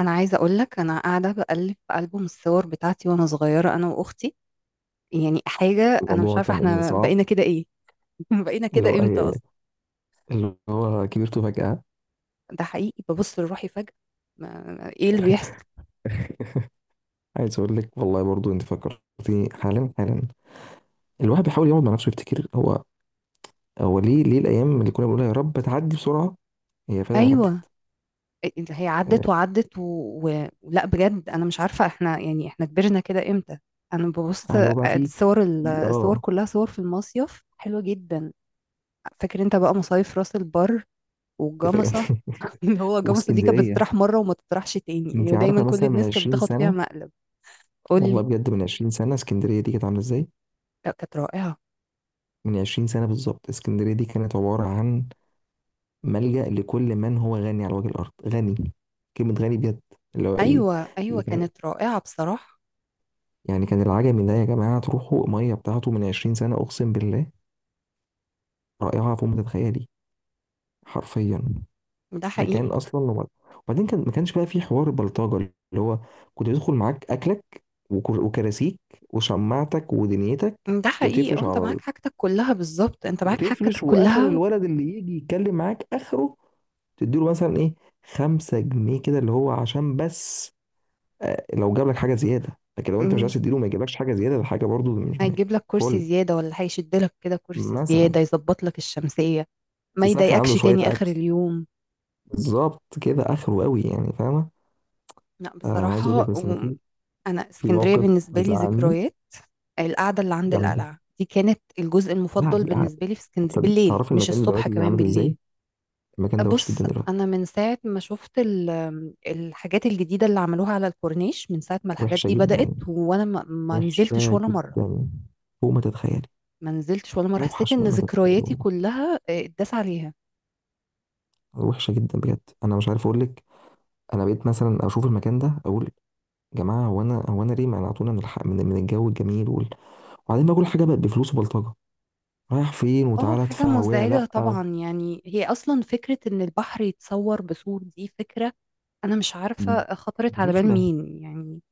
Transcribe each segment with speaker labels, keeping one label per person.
Speaker 1: انا عايزه اقول لك، انا قاعده بقلب في البوم الصور بتاعتي وانا صغيره انا واختي، يعني حاجه، انا مش
Speaker 2: الموضوع
Speaker 1: عارفه
Speaker 2: كان
Speaker 1: احنا
Speaker 2: صعب.
Speaker 1: بقينا كده ايه؟ بقينا
Speaker 2: اللي هو
Speaker 1: كده امتى
Speaker 2: أي.
Speaker 1: اصلا؟
Speaker 2: اللي هو كبرت فجأة.
Speaker 1: ده حقيقي، ببص لروحي فجاه. ايه اللي بيحصل؟
Speaker 2: عايز أقول لك والله برضو أنت فكرتني حالا حالا. الواحد بيحاول يقعد مع نفسه يفتكر هو ليه ليه الأيام اللي كنا بنقول يا رب تعدي بسرعة. هي فعلا عدت.
Speaker 1: ايوه. هي عدت
Speaker 2: آه،
Speaker 1: وعدت لا، بجد انا مش عارفه احنا يعني، احنا كبرنا كده امتى؟ انا ببص
Speaker 2: اللي هو بقى في
Speaker 1: الصور.
Speaker 2: في
Speaker 1: الصور
Speaker 2: اه
Speaker 1: كلها صور في المصيف، حلوه جدا. فاكر انت بقى مصايف راس البر
Speaker 2: أنت
Speaker 1: والجمصه؟
Speaker 2: فاهم.
Speaker 1: اللي هو الجاموسة دي كانت
Speaker 2: واسكندرية،
Speaker 1: بتطرح مرة وما تطرحش تاني يعني،
Speaker 2: أنت
Speaker 1: ودايما
Speaker 2: عارفة
Speaker 1: كل
Speaker 2: مثلا من
Speaker 1: الناس كانت
Speaker 2: 20
Speaker 1: بتاخد فيها
Speaker 2: سنة.
Speaker 1: مقلب. قول
Speaker 2: والله
Speaker 1: لي.
Speaker 2: بجد من 20 سنة اسكندرية دي كانت عاملة إزاي؟
Speaker 1: لا كانت رائعة.
Speaker 2: من 20 سنة بالظبط اسكندرية دي كانت عبارة عن ملجأ لكل من هو غني على وجه الأرض، غني، كلمة غني بجد. اللي هو ال-
Speaker 1: أيوة، أيوة،
Speaker 2: اللي كان،
Speaker 1: كانت رائعة بصراحة.
Speaker 2: يعني كان العجمي ده يا جماعة تروحوا مية بتاعته من عشرين سنة أقسم بالله، رائعة فوق ما تتخيلي، حرفيا.
Speaker 1: ده
Speaker 2: ده كان
Speaker 1: حقيقي.
Speaker 2: أصلا لو- وبعدين كان ما كانش بقى في حوار بلطجة، اللي هو كنت بيدخل معاك أكلك وكراسيك وشماعتك ودنيتك
Speaker 1: ده حقيقي، اه،
Speaker 2: وتفرش
Speaker 1: انت
Speaker 2: على
Speaker 1: معاك حاجتك كلها بالظبط، انت معاك حاجتك
Speaker 2: وتفرش، وآخر
Speaker 1: كلها
Speaker 2: الولد اللي يجي يتكلم معاك آخره تديله مثلا إيه، خمسة جنيه كده اللي هو عشان بس لو جاب لك حاجه زياده. لكن لو انت مش عايز
Speaker 1: مم.
Speaker 2: تديله ما يجيبلكش حاجه زياده. ده حاجه برضو مش م-
Speaker 1: هيجيب لك
Speaker 2: فل
Speaker 1: كرسي زيادة، ولا هيشد لك كده كرسي
Speaker 2: مثلا،
Speaker 1: زيادة يظبط لك الشمسية. ما
Speaker 2: تسخن
Speaker 1: يضايقكش
Speaker 2: عنده شويه
Speaker 1: تاني آخر
Speaker 2: اكل.
Speaker 1: اليوم.
Speaker 2: بالظبط كده اخره قوي يعني، فاهمه.
Speaker 1: لا
Speaker 2: انا عايز
Speaker 1: بصراحة
Speaker 2: اقول لك، بس انا في
Speaker 1: أنا،
Speaker 2: في
Speaker 1: اسكندرية
Speaker 2: موقف
Speaker 1: بالنسبة لي
Speaker 2: بيزعلني
Speaker 1: ذكريات. القعدة اللي عند
Speaker 2: جامد.
Speaker 1: القلعة دي كانت الجزء
Speaker 2: لا
Speaker 1: المفضل
Speaker 2: دي قاعد-
Speaker 1: بالنسبة لي في اسكندرية،
Speaker 2: تصد-
Speaker 1: بالليل،
Speaker 2: تعرفي
Speaker 1: مش
Speaker 2: المكان
Speaker 1: الصبح،
Speaker 2: دلوقتي
Speaker 1: كمان
Speaker 2: عامل ازاي؟
Speaker 1: بالليل.
Speaker 2: المكان ده وحش
Speaker 1: بص،
Speaker 2: جدا دلوقتي،
Speaker 1: أنا من ساعة ما شفت الحاجات الجديدة اللي عملوها على الكورنيش، من ساعة ما الحاجات
Speaker 2: وحشه
Speaker 1: دي بدأت
Speaker 2: جدا،
Speaker 1: وأنا ما نزلتش
Speaker 2: وحشه
Speaker 1: ولا مرة.
Speaker 2: جدا فوق ما تتخيلي،
Speaker 1: ما نزلتش ولا مرة، حسيت
Speaker 2: اوحش
Speaker 1: إن
Speaker 2: مما تتخيلي
Speaker 1: ذكرياتي
Speaker 2: والله،
Speaker 1: كلها اتداس عليها.
Speaker 2: وحشه جدا بجد. انا مش عارف اقول لك، انا بقيت مثلا اشوف المكان ده اقول، جماعه، هو انا ليه منعتونا من الحق، من الجو الجميل وال... وبعدين بقى كل حاجه بقت بفلوس وبلطجه، رايح فين
Speaker 1: اه،
Speaker 2: وتعالى
Speaker 1: حاجة
Speaker 2: ادفع ويا
Speaker 1: مزعجة
Speaker 2: لا و...
Speaker 1: طبعا يعني، هي أصلا فكرة إن البحر يتصور بصور، دي فكرة أنا مش
Speaker 2: م-
Speaker 1: عارفة خطرت على بال
Speaker 2: رخمه،
Speaker 1: مين يعني.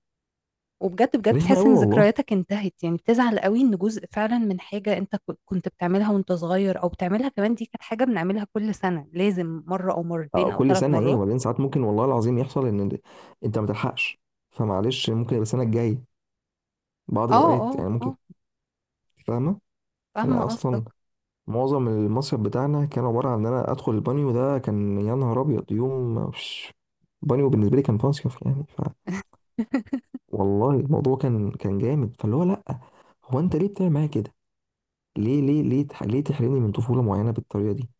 Speaker 1: وبجد بجد
Speaker 2: رخمه
Speaker 1: بتحس
Speaker 2: قوي
Speaker 1: ان
Speaker 2: والله.
Speaker 1: ذكرياتك انتهت، يعني بتزعل قوي ان جزء فعلا من حاجة انت كنت بتعملها وانت صغير، او بتعملها كمان، دي كانت حاجة بنعملها كل سنة، لازم مرة او مرتين او
Speaker 2: كل
Speaker 1: ثلاث
Speaker 2: سنه ايه،
Speaker 1: مرات
Speaker 2: وبعدين ساعات ممكن والله العظيم يحصل ان انت ما تلحقش، فمعلش ممكن يبقى السنه الجايه، بعض
Speaker 1: اه،
Speaker 2: الاوقات
Speaker 1: اه،
Speaker 2: يعني ممكن،
Speaker 1: اه،
Speaker 2: فاهمه.
Speaker 1: فاهمة
Speaker 2: انا اصلا
Speaker 1: قصدك.
Speaker 2: معظم المصيف بتاعنا كان عباره عن ان انا ادخل البانيو، ده كان يا نهار ابيض، يوم مش بانيو بالنسبه لي كان مصيف يعني. والله الموضوع كان جامد، فاللي هو لا، هو انت ليه بتعمل معايا كده؟ ليه ليه ليه تحرمني من طفوله معينه بالطريقه دي؟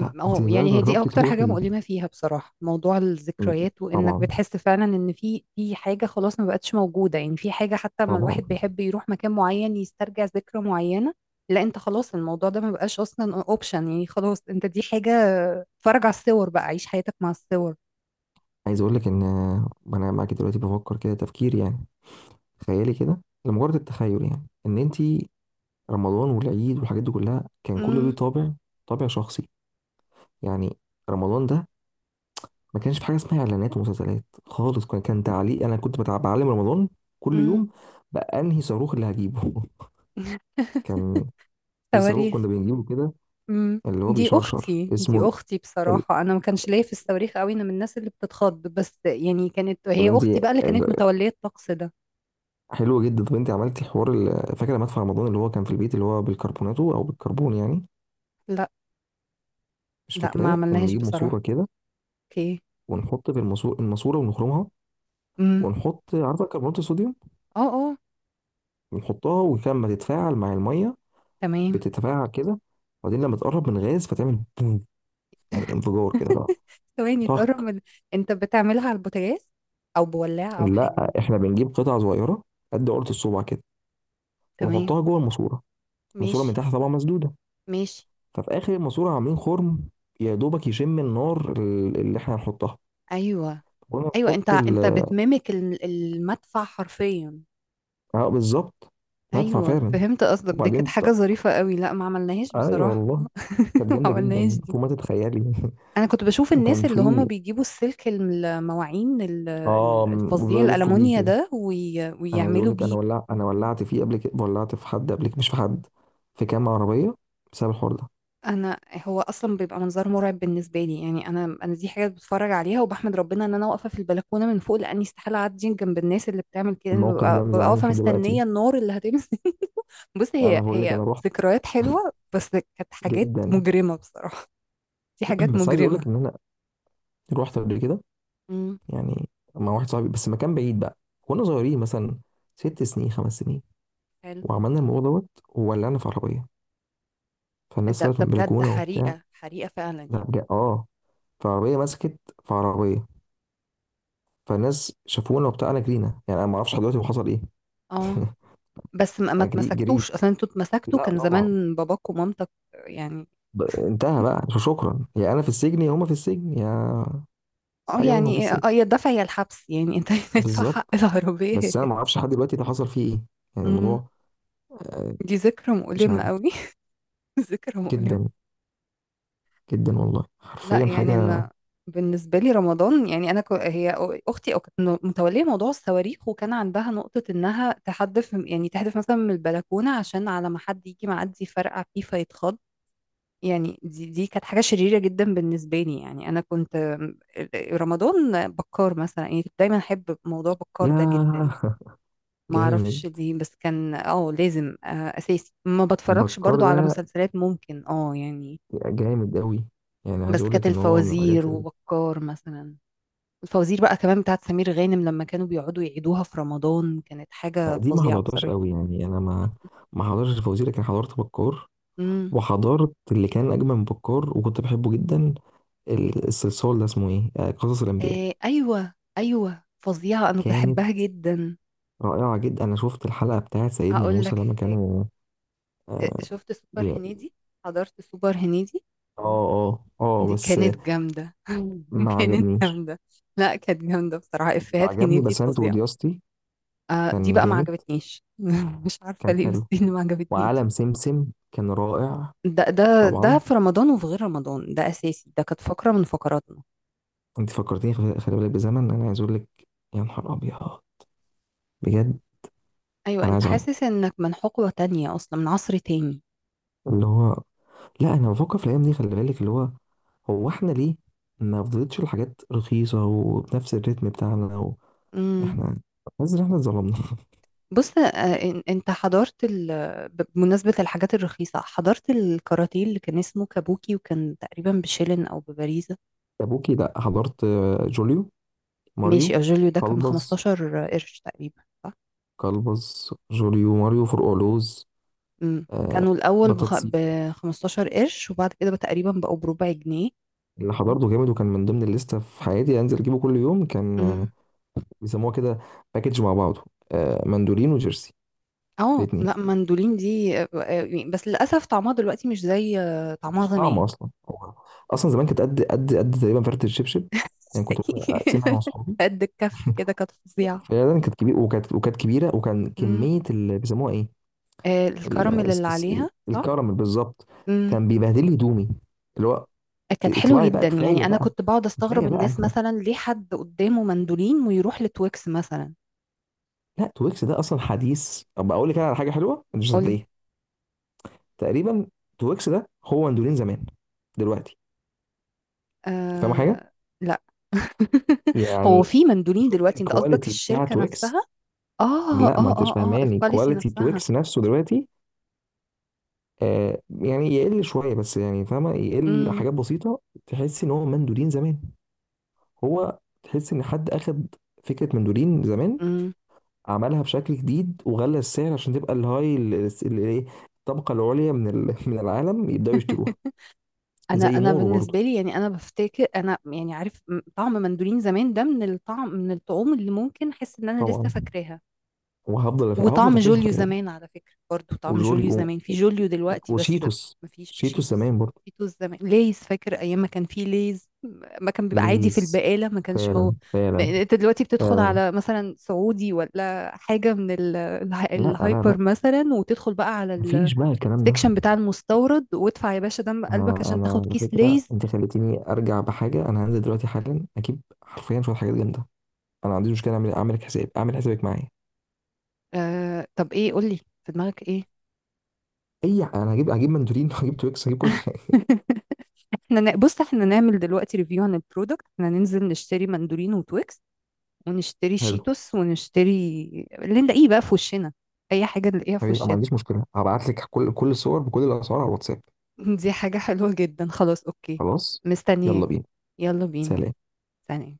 Speaker 2: لا انت
Speaker 1: اه،
Speaker 2: بقى
Speaker 1: يعني هي دي
Speaker 2: جربتي
Speaker 1: اكتر حاجه
Speaker 2: تروحي،
Speaker 1: مؤلمه فيها بصراحه، موضوع الذكريات، وانك
Speaker 2: طبعا،
Speaker 1: بتحس فعلا ان في حاجه خلاص ما بقتش موجوده، يعني في حاجه حتى لما
Speaker 2: طبعا.
Speaker 1: الواحد بيحب يروح مكان معين يسترجع ذكرى معينه. لا انت خلاص، الموضوع ده ما بقاش اصلا اوبشن يعني، خلاص انت دي حاجه. اتفرج على الصور بقى، عيش حياتك مع الصور.
Speaker 2: عايز اقول لك ان انا معاكي دلوقتي بفكر كده تفكير يعني، تخيلي كده لمجرد التخيل يعني ان انت، رمضان والعيد والحاجات دي كلها كان كله ليه
Speaker 1: مم.
Speaker 2: طابع، طابع شخصي يعني. رمضان ده ما كانش في حاجه اسمها اعلانات ومسلسلات خالص، كان تعليق. انا كنت بعلم رمضان كل
Speaker 1: مم.
Speaker 2: يوم بقى انهي صاروخ اللي هجيبه. كان في صاروخ
Speaker 1: صواريخ.
Speaker 2: كنا بنجيبه كده
Speaker 1: امم.
Speaker 2: اللي هو
Speaker 1: دي
Speaker 2: بيشرشر
Speaker 1: اختي دي
Speaker 2: اسمه
Speaker 1: اختي
Speaker 2: ال...
Speaker 1: بصراحه، انا ما كانش ليا في الصواريخ قوي، انا من الناس اللي بتتخض بس يعني، كانت
Speaker 2: طب
Speaker 1: هي
Speaker 2: انت،
Speaker 1: اختي بقى اللي كانت متوليه الطقس ده.
Speaker 2: حلو جدا، طب انت عملتي حوار فاكره مدفع رمضان اللي هو كان في البيت اللي هو بالكربوناتو او بالكربون يعني؟
Speaker 1: لا،
Speaker 2: مش
Speaker 1: لا، ما
Speaker 2: فاكراه، كنا
Speaker 1: عملناهاش
Speaker 2: بنجيب ماسوره
Speaker 1: بصراحه.
Speaker 2: كده
Speaker 1: اوكي.
Speaker 2: ونحط في الماسوره ونخرمها،
Speaker 1: امم.
Speaker 2: ونحط عارفه الكربونات الصوديوم،
Speaker 1: اه، اه،
Speaker 2: ونحطها ولما تتفاعل مع الميه
Speaker 1: تمام.
Speaker 2: بتتفاعل كده، وبعدين لما تقرب من غاز فتعمل بوم، يعني انفجار كده بقى،
Speaker 1: ثواني، تقرب
Speaker 2: طق.
Speaker 1: من، انت بتعملها على البوتاجاز او بولاعه او حاجه؟
Speaker 2: لا احنا بنجيب قطع صغيره قد عقله الصبع كده،
Speaker 1: تمام.
Speaker 2: ونحطها جوه الماسوره، الماسوره
Speaker 1: ماشي.
Speaker 2: من تحت طبعا مسدوده،
Speaker 1: ماشي.
Speaker 2: ففي اخر الماسوره عاملين خرم، يا دوبك يشم النار اللي احنا هنحطها.
Speaker 1: ايوه.
Speaker 2: وانا
Speaker 1: ايوه، انت
Speaker 2: نحط ال،
Speaker 1: انت بتميمك المدفع حرفيا.
Speaker 2: اه بالظبط، مدفع
Speaker 1: ايوه،
Speaker 2: فعلا.
Speaker 1: فهمت قصدك، دي كانت
Speaker 2: وبعدين
Speaker 1: حاجه
Speaker 2: ط-
Speaker 1: ظريفه قوي. لا، ما عملناهاش
Speaker 2: ايوه
Speaker 1: بصراحه.
Speaker 2: والله، كانت
Speaker 1: ما
Speaker 2: جامده
Speaker 1: عملناهاش
Speaker 2: جدا
Speaker 1: دي.
Speaker 2: فوق ما تتخيلي.
Speaker 1: انا كنت بشوف الناس
Speaker 2: وكان
Speaker 1: اللي هم
Speaker 2: في
Speaker 1: بيجيبوا السلك، المواعين الفظيع،
Speaker 2: وبدأوا يلفوا بيه
Speaker 1: الالمونيا
Speaker 2: كده.
Speaker 1: ده،
Speaker 2: انا عايز اقول
Speaker 1: ويعملوا
Speaker 2: لك انا
Speaker 1: بيه.
Speaker 2: ولع، انا ولعت فيه قبل كده، ولعت في حد قبل كده، مش في حد، في كام عربيه بسبب الحوار ده.
Speaker 1: انا، هو اصلا بيبقى منظر مرعب بالنسبه لي يعني، انا دي حاجه بتفرج عليها وبحمد ربنا ان انا واقفه في البلكونه من فوق، لاني استحاله اعدي جنب الناس اللي بتعمل كده. انا
Speaker 2: الموقف
Speaker 1: ببقى
Speaker 2: ده
Speaker 1: ببقى
Speaker 2: مزعلني
Speaker 1: واقفه
Speaker 2: لحد دلوقتي.
Speaker 1: مستنيه النار اللي هتمسك. بص، هي
Speaker 2: انا بقول لك
Speaker 1: هي
Speaker 2: انا رحت،
Speaker 1: ذكريات حلوه، بس كانت حاجات
Speaker 2: جدا.
Speaker 1: مجرمه بصراحه. دي حاجات
Speaker 2: بس عايز اقول لك
Speaker 1: مجرمة.
Speaker 2: ان انا رحت قبل كده
Speaker 1: امم.
Speaker 2: يعني، مع واحد صاحبي، بس مكان بعيد بقى، كنا صغيرين مثلا ست سنين خمس سنين،
Speaker 1: حلو.
Speaker 2: وعملنا الموضوع دوت وولعنا في عربية، فالناس
Speaker 1: ده
Speaker 2: طلعت
Speaker 1: ده
Speaker 2: من
Speaker 1: بجد،
Speaker 2: البلكونة وبتاع.
Speaker 1: حريقة، حريقة فعلا
Speaker 2: لا
Speaker 1: يعني.
Speaker 2: بجد اه، فعربية مسكت، في عربية، فالناس شافونا وبتاع، انا جرينا يعني، انا ما اعرفش لحد دلوقتي هو حصل ايه.
Speaker 1: اه، بس ما
Speaker 2: اجري،
Speaker 1: اتمسكتوش
Speaker 2: جريت.
Speaker 1: اصلا؟ انتوا اتمسكتوا
Speaker 2: لا
Speaker 1: كان
Speaker 2: طبعا،
Speaker 1: زمان باباك ومامتك يعني.
Speaker 2: انتهى بقى، شكرا، يا انا في السجن يا هما في السجن، يا
Speaker 1: اه،
Speaker 2: حاجة منهم في
Speaker 1: يعني
Speaker 2: السجن.
Speaker 1: اه، يا الدفع يا الحبس، يعني انت تدفع حق
Speaker 2: بالظبط،
Speaker 1: العربية يا
Speaker 2: بس انا
Speaker 1: تدفع.
Speaker 2: ما اعرفش لحد دلوقتي ده حصل فيه ايه يعني
Speaker 1: امم،
Speaker 2: الموضوع. آه،
Speaker 1: دي ذكرى
Speaker 2: مش
Speaker 1: مؤلمة
Speaker 2: عارف.
Speaker 1: قوي. ذكرى مؤلمة.
Speaker 2: جدا، جدا والله،
Speaker 1: لا
Speaker 2: حرفيا
Speaker 1: يعني
Speaker 2: حاجة.
Speaker 1: انا، بالنسبة لي رمضان يعني انا، كو هي اختي او كانت متولية موضوع الصواريخ، وكان عندها نقطة انها تحدف يعني، تحدف مثلا من البلكونة عشان على ما حد يجي معدي يفرقع فيه فيتخض. يعني دي كانت حاجة شريرة جدا بالنسبة لي يعني. أنا كنت، رمضان بكار مثلا يعني، كنت دايما أحب موضوع بكار ده جدا يعني.
Speaker 2: ياه.
Speaker 1: ما أعرفش
Speaker 2: جامد.
Speaker 1: ليه، بس كان لازم أساسي. ما بتفرجش
Speaker 2: بكار
Speaker 1: برضو على
Speaker 2: ده
Speaker 1: مسلسلات ممكن اه يعني.
Speaker 2: جامد قوي يعني، عايز
Speaker 1: بس
Speaker 2: اقول
Speaker 1: كانت
Speaker 2: لك ان هو من
Speaker 1: الفوازير
Speaker 2: الحاجات
Speaker 1: وبكار مثلا. الفوازير بقى كمان بتاعت سمير غانم، لما كانوا بيقعدوا يعيدوها في رمضان، كانت حاجة
Speaker 2: لا دي ما
Speaker 1: فظيعة
Speaker 2: حضرتهاش
Speaker 1: بصراحة.
Speaker 2: قوي يعني، انا ما ما حضرتش الفوازير لكن حضرت بكار،
Speaker 1: امم.
Speaker 2: وحضرت اللي كان اجمل من بكار وكنت بحبه جدا، الصلصال ده اسمه ايه آه، قصص الانبياء.
Speaker 1: إيه، أيوه، أيوه، فظيعة، أنا
Speaker 2: كانت
Speaker 1: بحبها جدا.
Speaker 2: رائعه جدا، انا شفت الحلقه بتاعت سيدنا
Speaker 1: أقول
Speaker 2: موسى
Speaker 1: لك.
Speaker 2: لما كانوا. اه.
Speaker 1: شفت سوبر
Speaker 2: بي-
Speaker 1: هنيدي؟ حضرت سوبر هنيدي؟
Speaker 2: اه اه
Speaker 1: دي
Speaker 2: بس
Speaker 1: كانت جامدة،
Speaker 2: ما
Speaker 1: كانت
Speaker 2: عجبنيش.
Speaker 1: جامدة. لا كانت جامدة بصراحة،
Speaker 2: اللي
Speaker 1: إفيهات
Speaker 2: عجبني
Speaker 1: هنيدي
Speaker 2: بسنت
Speaker 1: فظيعة.
Speaker 2: ودياستي،
Speaker 1: آه دي
Speaker 2: كان
Speaker 1: بقى ما
Speaker 2: جامد،
Speaker 1: عجبتنيش. مش عارفة
Speaker 2: كان
Speaker 1: ليه، بس
Speaker 2: حلو.
Speaker 1: دي اللي ما عجبتنيش.
Speaker 2: وعالم سمسم كان رائع.
Speaker 1: ده
Speaker 2: طبعا.
Speaker 1: في رمضان وفي غير رمضان، ده أساسي، ده كانت فقرة من فقراتنا.
Speaker 2: انت فكرتيني، خلي بالك بزمن، انا عايز اقول لك، يا نهار ابيض، بجد،
Speaker 1: أيوة،
Speaker 2: انا
Speaker 1: أنت
Speaker 2: عايز
Speaker 1: حاسس
Speaker 2: اعيط.
Speaker 1: إنك من حقبة تانية، أصلا من عصر تاني.
Speaker 2: اللي هو لا، انا بفكر في الايام دي، خلي بالك اللي هو، هو احنا ليه ما فضلتش الحاجات رخيصه وبنفس الريتم بتاعنا و...
Speaker 1: امم.
Speaker 2: احنا حاسس ان احنا اتظلمنا.
Speaker 1: بص، أنت بمناسبة الحاجات الرخيصة، حضرت الكاراتيه اللي كان اسمه كابوكي، وكان تقريبا بشيلن أو بباريزا.
Speaker 2: ابوكي، لا حضرت جوليو
Speaker 1: ماشي،
Speaker 2: ماريو
Speaker 1: اجوليو ده كان ب
Speaker 2: كلبز.
Speaker 1: 15 قرش تقريبا، صح؟
Speaker 2: جوليو ماريو فرقعلوز.
Speaker 1: امم،
Speaker 2: آه،
Speaker 1: كانوا الاول
Speaker 2: بطاطسي.
Speaker 1: ب 15 قرش، وبعد كده بقى تقريبا بقوا بربع جنيه.
Speaker 2: اللي حضرته جامد، وكان من ضمن الليسته في حياتي انزل اجيبه كل يوم، كان
Speaker 1: امم،
Speaker 2: بيسموها كده باكج مع بعضه، مندولين وجيرسي،
Speaker 1: اه،
Speaker 2: الاثنين.
Speaker 1: لا مندولين دي بس للاسف طعمها دلوقتي مش زي طعمها
Speaker 2: مفيش طعم
Speaker 1: زمان.
Speaker 2: اصلا هو، اصلا زمان كانت قد قد قد تقريبا فرده الشبشب، يعني كنت ممكن اقسمها انا واصحابي.
Speaker 1: قد الكف كده، كانت فظيعه.
Speaker 2: فعلا كانت كبيره، وكانت كبيره، وكان
Speaker 1: امم.
Speaker 2: كميه اللي بيسموها ايه،
Speaker 1: الكراميل اللي عليها، صح؟
Speaker 2: الكراميل بالظبط.
Speaker 1: امم،
Speaker 2: كان بيبهدل لي هدومي، اللي هو،
Speaker 1: كانت حلوه
Speaker 2: اطلعي بقى
Speaker 1: جدا يعني،
Speaker 2: كفايه
Speaker 1: انا
Speaker 2: بقى،
Speaker 1: كنت بقعد استغرب
Speaker 2: كفايه بقى.
Speaker 1: الناس مثلا، ليه حد قدامه مندولين ويروح لتويكس مثلا؟
Speaker 2: لا تويكس ده اصلا حديث، طب اقول لك انا على حاجه حلوه انت مش
Speaker 1: قولي.
Speaker 2: هتصدقيها، تقريبا تويكس ده هو مندولين زمان دلوقتي، فاهم حاجه؟
Speaker 1: آه. لا. هو
Speaker 2: يعني
Speaker 1: في مندولين
Speaker 2: شفت
Speaker 1: دلوقتي؟ انت قصدك
Speaker 2: الكواليتي بتاع
Speaker 1: الشركة
Speaker 2: تويكس؟
Speaker 1: نفسها؟ اه، اه،
Speaker 2: لا ما انتش
Speaker 1: اه، اه،
Speaker 2: فاهماني،
Speaker 1: الكواليتي
Speaker 2: كواليتي
Speaker 1: نفسها.
Speaker 2: تويكس نفسه دلوقتي، آه يعني يقل شويه بس يعني، فاهمه، يقل
Speaker 1: امم.
Speaker 2: حاجات بسيطه، تحس ان هو مندولين زمان، هو تحس ان حد اخد فكره مندولين زمان،
Speaker 1: امم.
Speaker 2: عملها بشكل جديد وغلى السعر عشان تبقى الهاي ايه، الطبقه العليا من من العالم يبداوا يشتروها.
Speaker 1: انا
Speaker 2: زي
Speaker 1: انا
Speaker 2: مورو برضو،
Speaker 1: بالنسبه لي يعني، انا بفتكر انا يعني عارف طعم مندولين زمان، ده من الطعم، من الطعوم اللي ممكن احس ان انا لسه
Speaker 2: طبعا،
Speaker 1: فاكراها.
Speaker 2: وهفضل هفضل
Speaker 1: وطعم
Speaker 2: فاكرها
Speaker 1: جوليو
Speaker 2: خلي بالك.
Speaker 1: زمان على فكرة، برضو طعم
Speaker 2: وجولي
Speaker 1: جوليو
Speaker 2: و-
Speaker 1: زمان في جوليو دلوقتي بس.
Speaker 2: وشيتوس،
Speaker 1: مفيش
Speaker 2: شيتوس
Speaker 1: شيتوس.
Speaker 2: زمان برضو،
Speaker 1: شيتوس زمان ليز. فاكر أيام ما كان في ليز؟ ما كان بيبقى عادي في
Speaker 2: ليز.
Speaker 1: البقالة، ما كانش مو.
Speaker 2: فعلا، فعلا،
Speaker 1: يعني انت دلوقتي بتدخل
Speaker 2: فعلا.
Speaker 1: على مثلا سعودي ولا حاجة من
Speaker 2: لا لا لا،
Speaker 1: الهايبر مثلا، وتدخل بقى على
Speaker 2: مفيش بقى الكلام ده.
Speaker 1: السكشن بتاع المستورد، وادفع يا باشا دم قلبك
Speaker 2: انا
Speaker 1: عشان
Speaker 2: انا
Speaker 1: تاخد
Speaker 2: على
Speaker 1: كيس
Speaker 2: فكره
Speaker 1: ليز.
Speaker 2: انت خليتيني ارجع بحاجه، انا هنزل دلوقتي حالا اجيب حرفيا شويه حاجات جامده. انا ما عنديش مشكله اعمل، اعمل حساب، اعمل حسابك معايا.
Speaker 1: آه، طب ايه؟ قولي، في دماغك ايه؟
Speaker 2: انا هجيب مندولين، وهجيب تويكس، هجيب كل حاجه.
Speaker 1: بص، احنا نعمل دلوقتي ريفيو عن البرودكت، احنا ننزل نشتري مندولين وتويكس. ونشتري
Speaker 2: حلو.
Speaker 1: شيتوس ونشتري اللي نلاقيه بقى في وشنا، اي حاجه نلاقيها في
Speaker 2: ما
Speaker 1: وشنا.
Speaker 2: عنديش مشكله، هبعت لك كل كل الصور بكل الاسعار على الواتساب.
Speaker 1: دي حاجه حلوه جدا، خلاص، اوكي.
Speaker 2: خلاص، يلا
Speaker 1: مستنياك.
Speaker 2: بينا،
Speaker 1: يلا بينا.
Speaker 2: سلام.
Speaker 1: سلام.